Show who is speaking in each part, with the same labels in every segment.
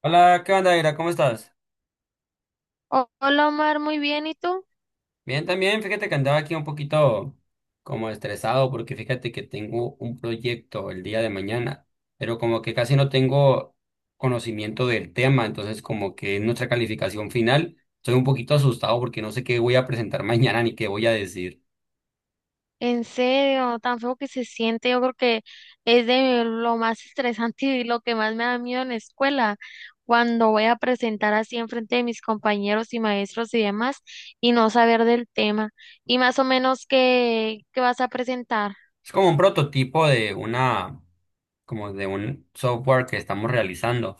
Speaker 1: Hola, ¿qué onda, Ira? ¿Cómo estás?
Speaker 2: Hola Omar, muy bien, ¿y tú?
Speaker 1: Bien, también, fíjate que andaba aquí un poquito como estresado porque fíjate que tengo un proyecto el día de mañana, pero como que casi no tengo conocimiento del tema, entonces como que en nuestra calificación final estoy un poquito asustado porque no sé qué voy a presentar mañana ni qué voy a decir.
Speaker 2: En serio, tan feo que se siente, yo creo que es de lo más estresante y lo que más me da miedo en la escuela, cuando voy a presentar así en frente de mis compañeros y maestros y demás y no saber del tema. Y más o menos qué vas a presentar.
Speaker 1: Es como un prototipo de una como de un software que estamos realizando.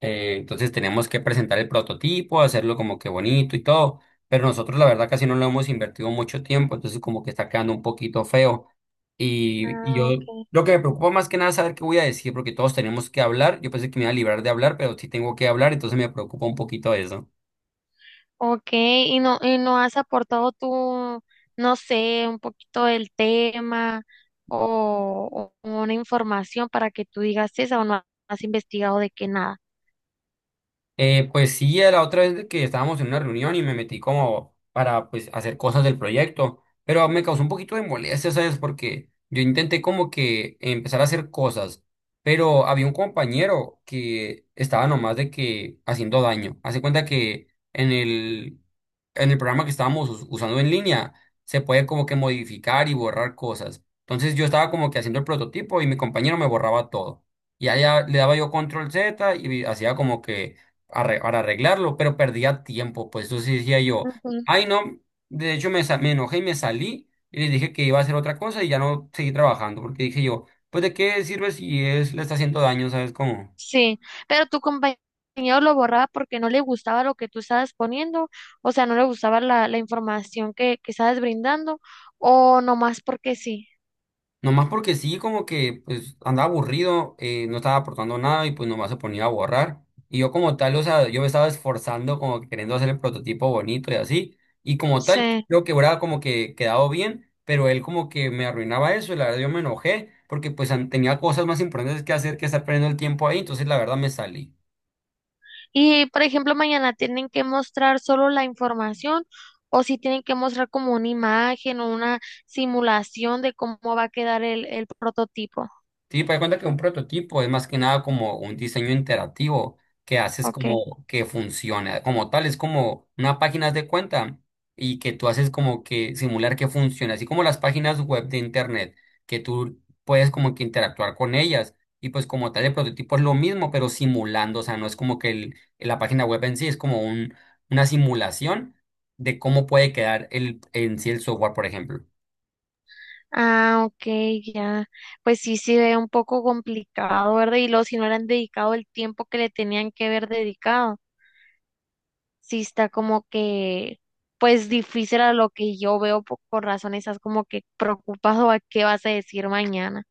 Speaker 1: Entonces tenemos que presentar el prototipo, hacerlo como que bonito y todo, pero nosotros la verdad casi no lo hemos invertido mucho tiempo, entonces como que está quedando un poquito feo. Y yo
Speaker 2: Ah, ok.
Speaker 1: lo que me preocupa más que nada es saber qué voy a decir, porque todos tenemos que hablar. Yo pensé que me iba a librar de hablar, pero sí tengo que hablar, entonces me preocupa un poquito eso.
Speaker 2: Ok, y no has aportado tú, no sé, un poquito del tema o una información para que tú digas "Sí, esa o no has investigado de que nada".
Speaker 1: Pues sí, la otra vez que estábamos en una reunión y me metí como para pues hacer cosas del proyecto, pero me causó un poquito de molestia, ¿sabes? Porque yo intenté como que empezar a hacer cosas, pero había un compañero que estaba nomás de que haciendo daño. Hace cuenta que en el programa que estábamos usando en línea se puede como que modificar y borrar cosas. Entonces yo estaba como que haciendo el prototipo y mi compañero me borraba todo. Y allá le daba yo control Z y hacía como que para arreglarlo, pero perdía tiempo, pues entonces decía yo,
Speaker 2: Ujú.
Speaker 1: ay no, de hecho me enojé y me salí y les dije que iba a hacer otra cosa y ya no seguí trabajando, porque dije yo, pues de qué sirve si es, le está haciendo daño, ¿sabes cómo?
Speaker 2: Sí, pero tu compañero lo borraba porque no le gustaba lo que tú estabas poniendo, o sea, no le gustaba la información que estabas brindando o nomás porque sí.
Speaker 1: Nomás porque sí, como que pues andaba aburrido, no estaba aportando nada y pues nomás se ponía a borrar. Y yo como tal, o sea, yo me estaba esforzando como que queriendo hacer el prototipo bonito y así. Y como tal,
Speaker 2: Sí.
Speaker 1: creo que hubiera como que quedado bien, pero él como que me arruinaba eso y la verdad yo me enojé porque pues tenía cosas más importantes que hacer que estar perdiendo el tiempo ahí, entonces la verdad me salí.
Speaker 2: Y, por ejemplo, mañana tienen que mostrar solo la información o si tienen que mostrar como una imagen o una simulación de cómo va a quedar el prototipo.
Speaker 1: Sí, para cuenta que un prototipo es más que nada como un diseño interactivo que haces
Speaker 2: Ok.
Speaker 1: como que funcione como tal, es como una página haz de cuenta y que tú haces como que simular que funciona, así como las páginas web de internet, que tú puedes como que interactuar con ellas y pues como tal el prototipo es lo mismo, pero simulando, o sea, no es como que la página web en sí, es como un, una simulación de cómo puede quedar el, en sí el software, por ejemplo.
Speaker 2: Ah, ok, ya. Pues sí, sí ve un poco complicado, ¿verdad? Y luego si no le han dedicado el tiempo que le tenían que haber dedicado, sí está como que, pues difícil a lo que yo veo por razones, esas como que preocupado a qué vas a decir mañana.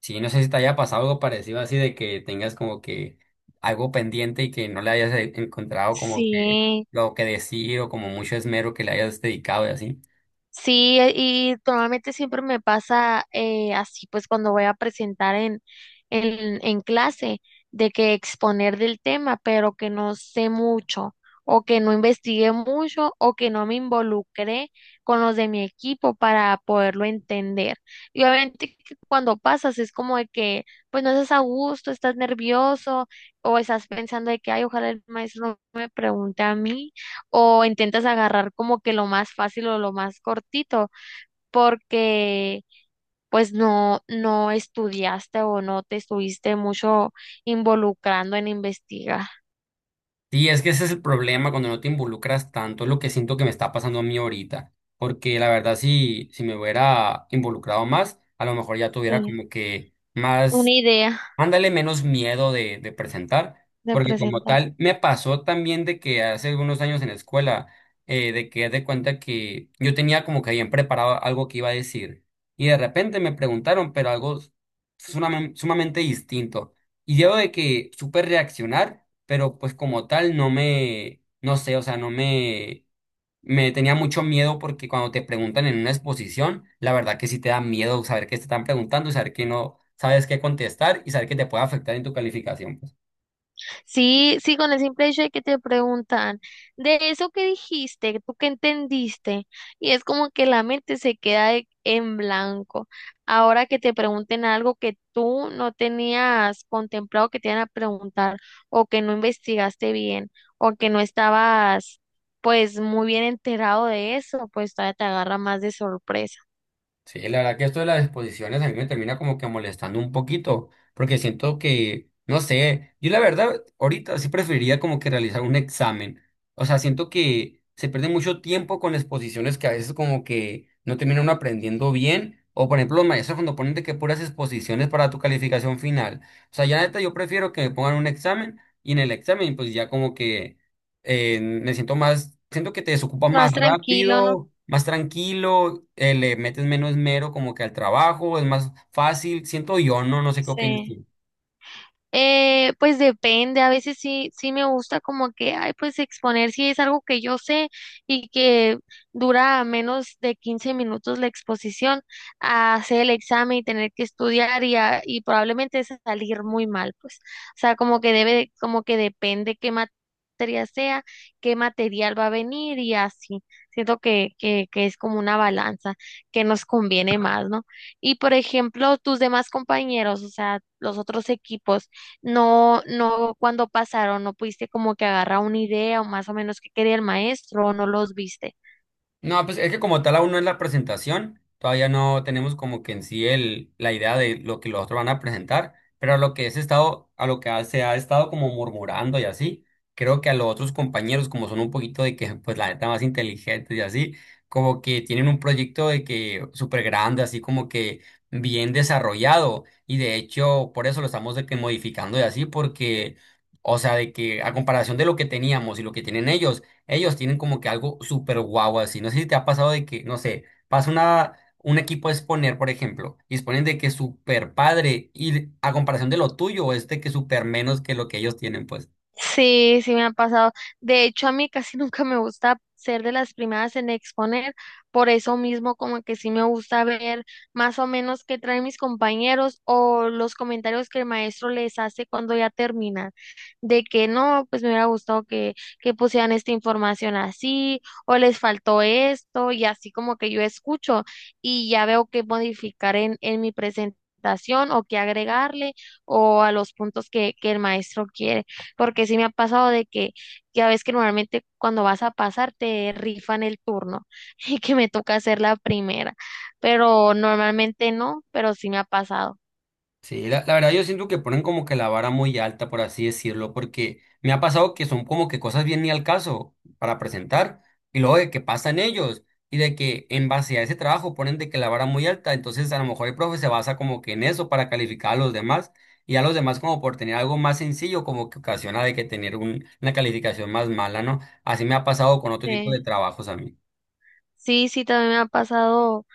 Speaker 1: Sí, no sé si te haya pasado algo parecido así de que tengas como que algo pendiente y que no le hayas encontrado como que
Speaker 2: Sí.
Speaker 1: lo que decir o como mucho esmero que le hayas dedicado y así.
Speaker 2: Sí, y normalmente siempre me pasa así, pues cuando voy a presentar en clase, de que exponer del tema, pero que no sé mucho, o que no investigué mucho, o que no me involucré con los de mi equipo para poderlo entender. Y obviamente que cuando pasas es como de que, pues no estás a gusto, estás nervioso, o estás pensando de que, ay, ojalá el maestro no me pregunte a mí o intentas agarrar como que lo más fácil o lo más cortito, porque pues no, no estudiaste o no te estuviste mucho involucrando en investigar.
Speaker 1: Sí, es que ese es el problema cuando no te involucras tanto, es lo que siento que me está pasando a mí ahorita, porque la verdad si, si me hubiera involucrado más, a lo mejor ya tuviera
Speaker 2: Sí,
Speaker 1: como que
Speaker 2: una
Speaker 1: más.
Speaker 2: idea
Speaker 1: Ándale menos miedo de presentar,
Speaker 2: de
Speaker 1: porque como
Speaker 2: presentar.
Speaker 1: tal, me pasó también de que hace algunos años en la escuela, de que haz de cuenta que yo tenía como que bien preparado algo que iba a decir, y de repente me preguntaron, pero algo sumamente, sumamente distinto, y yo de que supe reaccionar, pero pues como tal no me, no sé, o sea, no me, me tenía mucho miedo porque cuando te preguntan en una exposición, la verdad que sí te da miedo saber qué te están preguntando y saber que no sabes qué contestar y saber que te puede afectar en tu calificación, pues.
Speaker 2: Sí, sí, con el simple hecho de que te preguntan, de eso que dijiste, tú que entendiste, y es como que la mente se queda en blanco. Ahora que te pregunten algo que tú no tenías contemplado que te iban a preguntar, o que no investigaste bien, o que no estabas pues muy bien enterado de eso, pues todavía te agarra más de sorpresa.
Speaker 1: Sí, la verdad que esto de las exposiciones a mí me termina como que molestando un poquito, porque siento que, no sé, yo la verdad ahorita sí preferiría como que realizar un examen. O sea, siento que se pierde mucho tiempo con exposiciones que a veces como que no terminan uno aprendiendo bien. O por ejemplo, los maestros cuando ponen de que puras exposiciones para tu calificación final. O sea, ya neta yo prefiero que me pongan un examen y en el examen pues ya como que me siento más, siento que te desocupa más
Speaker 2: Más tranquilo, ¿no?
Speaker 1: rápido, más tranquilo, le metes menos mero como que al trabajo, es más fácil, siento yo, no, no sé qué opinas
Speaker 2: Sí.
Speaker 1: tú.
Speaker 2: Pues depende, a veces sí, sí me gusta como que, ay, pues exponer si es algo que yo sé y que dura menos de 15 minutos la exposición, a hacer el examen y tener que estudiar y probablemente salir muy mal, pues. O sea, como que debe, como que depende qué materia sea, qué material va a venir y así. Siento que es como una balanza que nos conviene más, ¿no? Y por ejemplo, tus demás compañeros, o sea, los otros equipos no, no cuando pasaron, no pudiste como que agarrar una idea o más o menos qué quería el maestro o no los viste.
Speaker 1: No, pues es que como tal aún no es la presentación, todavía no tenemos como que en sí el, la idea de lo que los otros van a presentar, pero a lo que es estado, a lo que se ha estado como murmurando y así, creo que a los otros compañeros, como son un poquito de que, pues la neta más inteligentes y así, como que tienen un proyecto de que súper grande, así como que bien desarrollado, y de hecho por eso lo estamos de que modificando y así, porque, o sea, de que a comparación de lo que teníamos y lo que tienen ellos, ellos tienen como que algo súper guau así. No sé si te ha pasado de que, no sé, pasa una, un equipo a exponer, por ejemplo, y exponen de que súper padre y a comparación de lo tuyo es de que súper menos que lo que ellos tienen, pues.
Speaker 2: Sí, sí me ha pasado. De hecho, a mí casi nunca me gusta ser de las primeras en exponer, por eso mismo como que sí me gusta ver más o menos qué traen mis compañeros o los comentarios que el maestro les hace cuando ya termina, de que no, pues me hubiera gustado que pusieran esta información así o les faltó esto y así como que yo escucho y ya veo qué modificar en mi presentación o qué agregarle o a los puntos que el maestro quiere porque sí me ha pasado de que ya ves que normalmente cuando vas a pasar te rifan el turno y que me toca hacer la primera, pero normalmente no, pero sí me ha pasado.
Speaker 1: Sí, la verdad yo siento que ponen como que la vara muy alta, por así decirlo, porque me ha pasado que son como que cosas bien ni al caso para presentar, y luego de que pasan ellos, y de que en base a ese trabajo ponen de que la vara muy alta, entonces a lo mejor el profe se basa como que en eso para calificar a los demás, y a los demás como por tener algo más sencillo, como que ocasiona de que tener una calificación más mala, ¿no? Así me ha pasado con otro tipo
Speaker 2: Sí,
Speaker 1: de trabajos a mí.
Speaker 2: sí, también me ha pasado.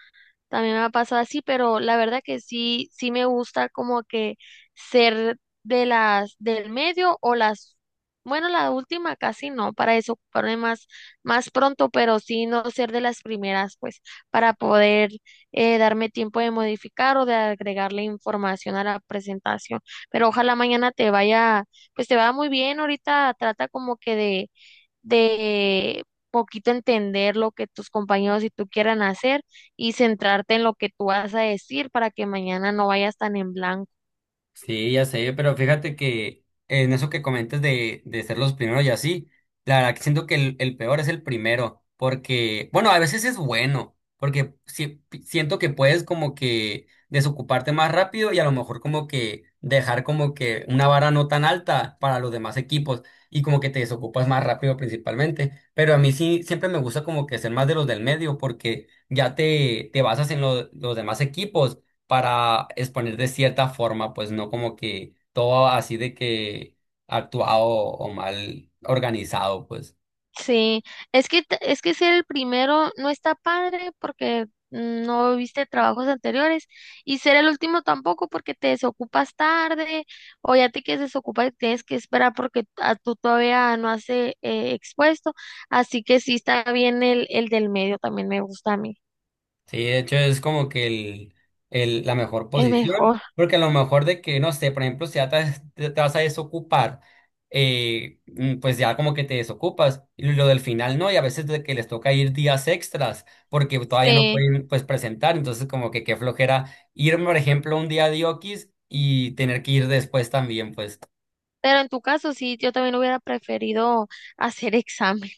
Speaker 2: También me ha pasado así, pero la verdad que sí, sí me gusta como que ser de las del medio o las, bueno, la última casi no, para desocuparme más, más pronto, pero sí no ser de las primeras, pues, para poder darme tiempo de modificar o de agregarle información a la presentación. Pero ojalá mañana te vaya, pues te va muy bien. Ahorita trata como que de poquito entender lo que tus compañeros y tú quieran hacer y centrarte en lo que tú vas a decir para que mañana no vayas tan en blanco.
Speaker 1: Sí, ya sé, pero fíjate que en eso que comentas de ser los primeros y así, la verdad que siento que el peor es el primero, porque, bueno, a veces es bueno, porque siento que puedes como que desocuparte más rápido y a lo mejor como que dejar como que una vara no tan alta para los demás equipos y como que te desocupas más rápido principalmente, pero a mí sí siempre me gusta como que ser más de los del medio porque ya te basas en los demás equipos para exponer de cierta forma, pues no como que todo así de que actuado o mal organizado, pues.
Speaker 2: Sí, es que es que ser el primero no está padre porque no viste trabajos anteriores y ser el último tampoco porque te desocupas tarde o ya te quieres desocupar y tienes que esperar porque a tú todavía no has expuesto, así que sí está bien el del medio también me gusta a mí,
Speaker 1: Sí, de hecho es como que el, la mejor
Speaker 2: es
Speaker 1: posición,
Speaker 2: mejor.
Speaker 1: porque a lo mejor de que, no sé, por ejemplo, si ya te, te vas a desocupar, pues ya como que te desocupas, y lo del final no, y a veces de que les toca ir días extras, porque todavía no
Speaker 2: Sí.
Speaker 1: pueden, pues, presentar, entonces como que qué flojera ir, por ejemplo, un día de Oquis y tener que ir después también, pues.
Speaker 2: Pero en tu caso, sí, yo también hubiera preferido hacer examen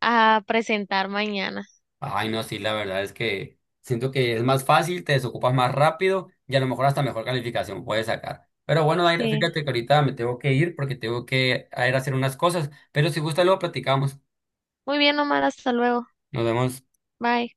Speaker 2: a presentar mañana.
Speaker 1: Ay, no, sí, la verdad es que siento que es más fácil, te desocupas más rápido y a lo mejor hasta mejor calificación puedes sacar. Pero bueno, Daira,
Speaker 2: Sí.
Speaker 1: fíjate que ahorita me tengo que ir porque tengo que a ir a hacer unas cosas, pero si gusta luego platicamos.
Speaker 2: Muy bien, Omar, hasta luego.
Speaker 1: Nos vemos.
Speaker 2: Bye.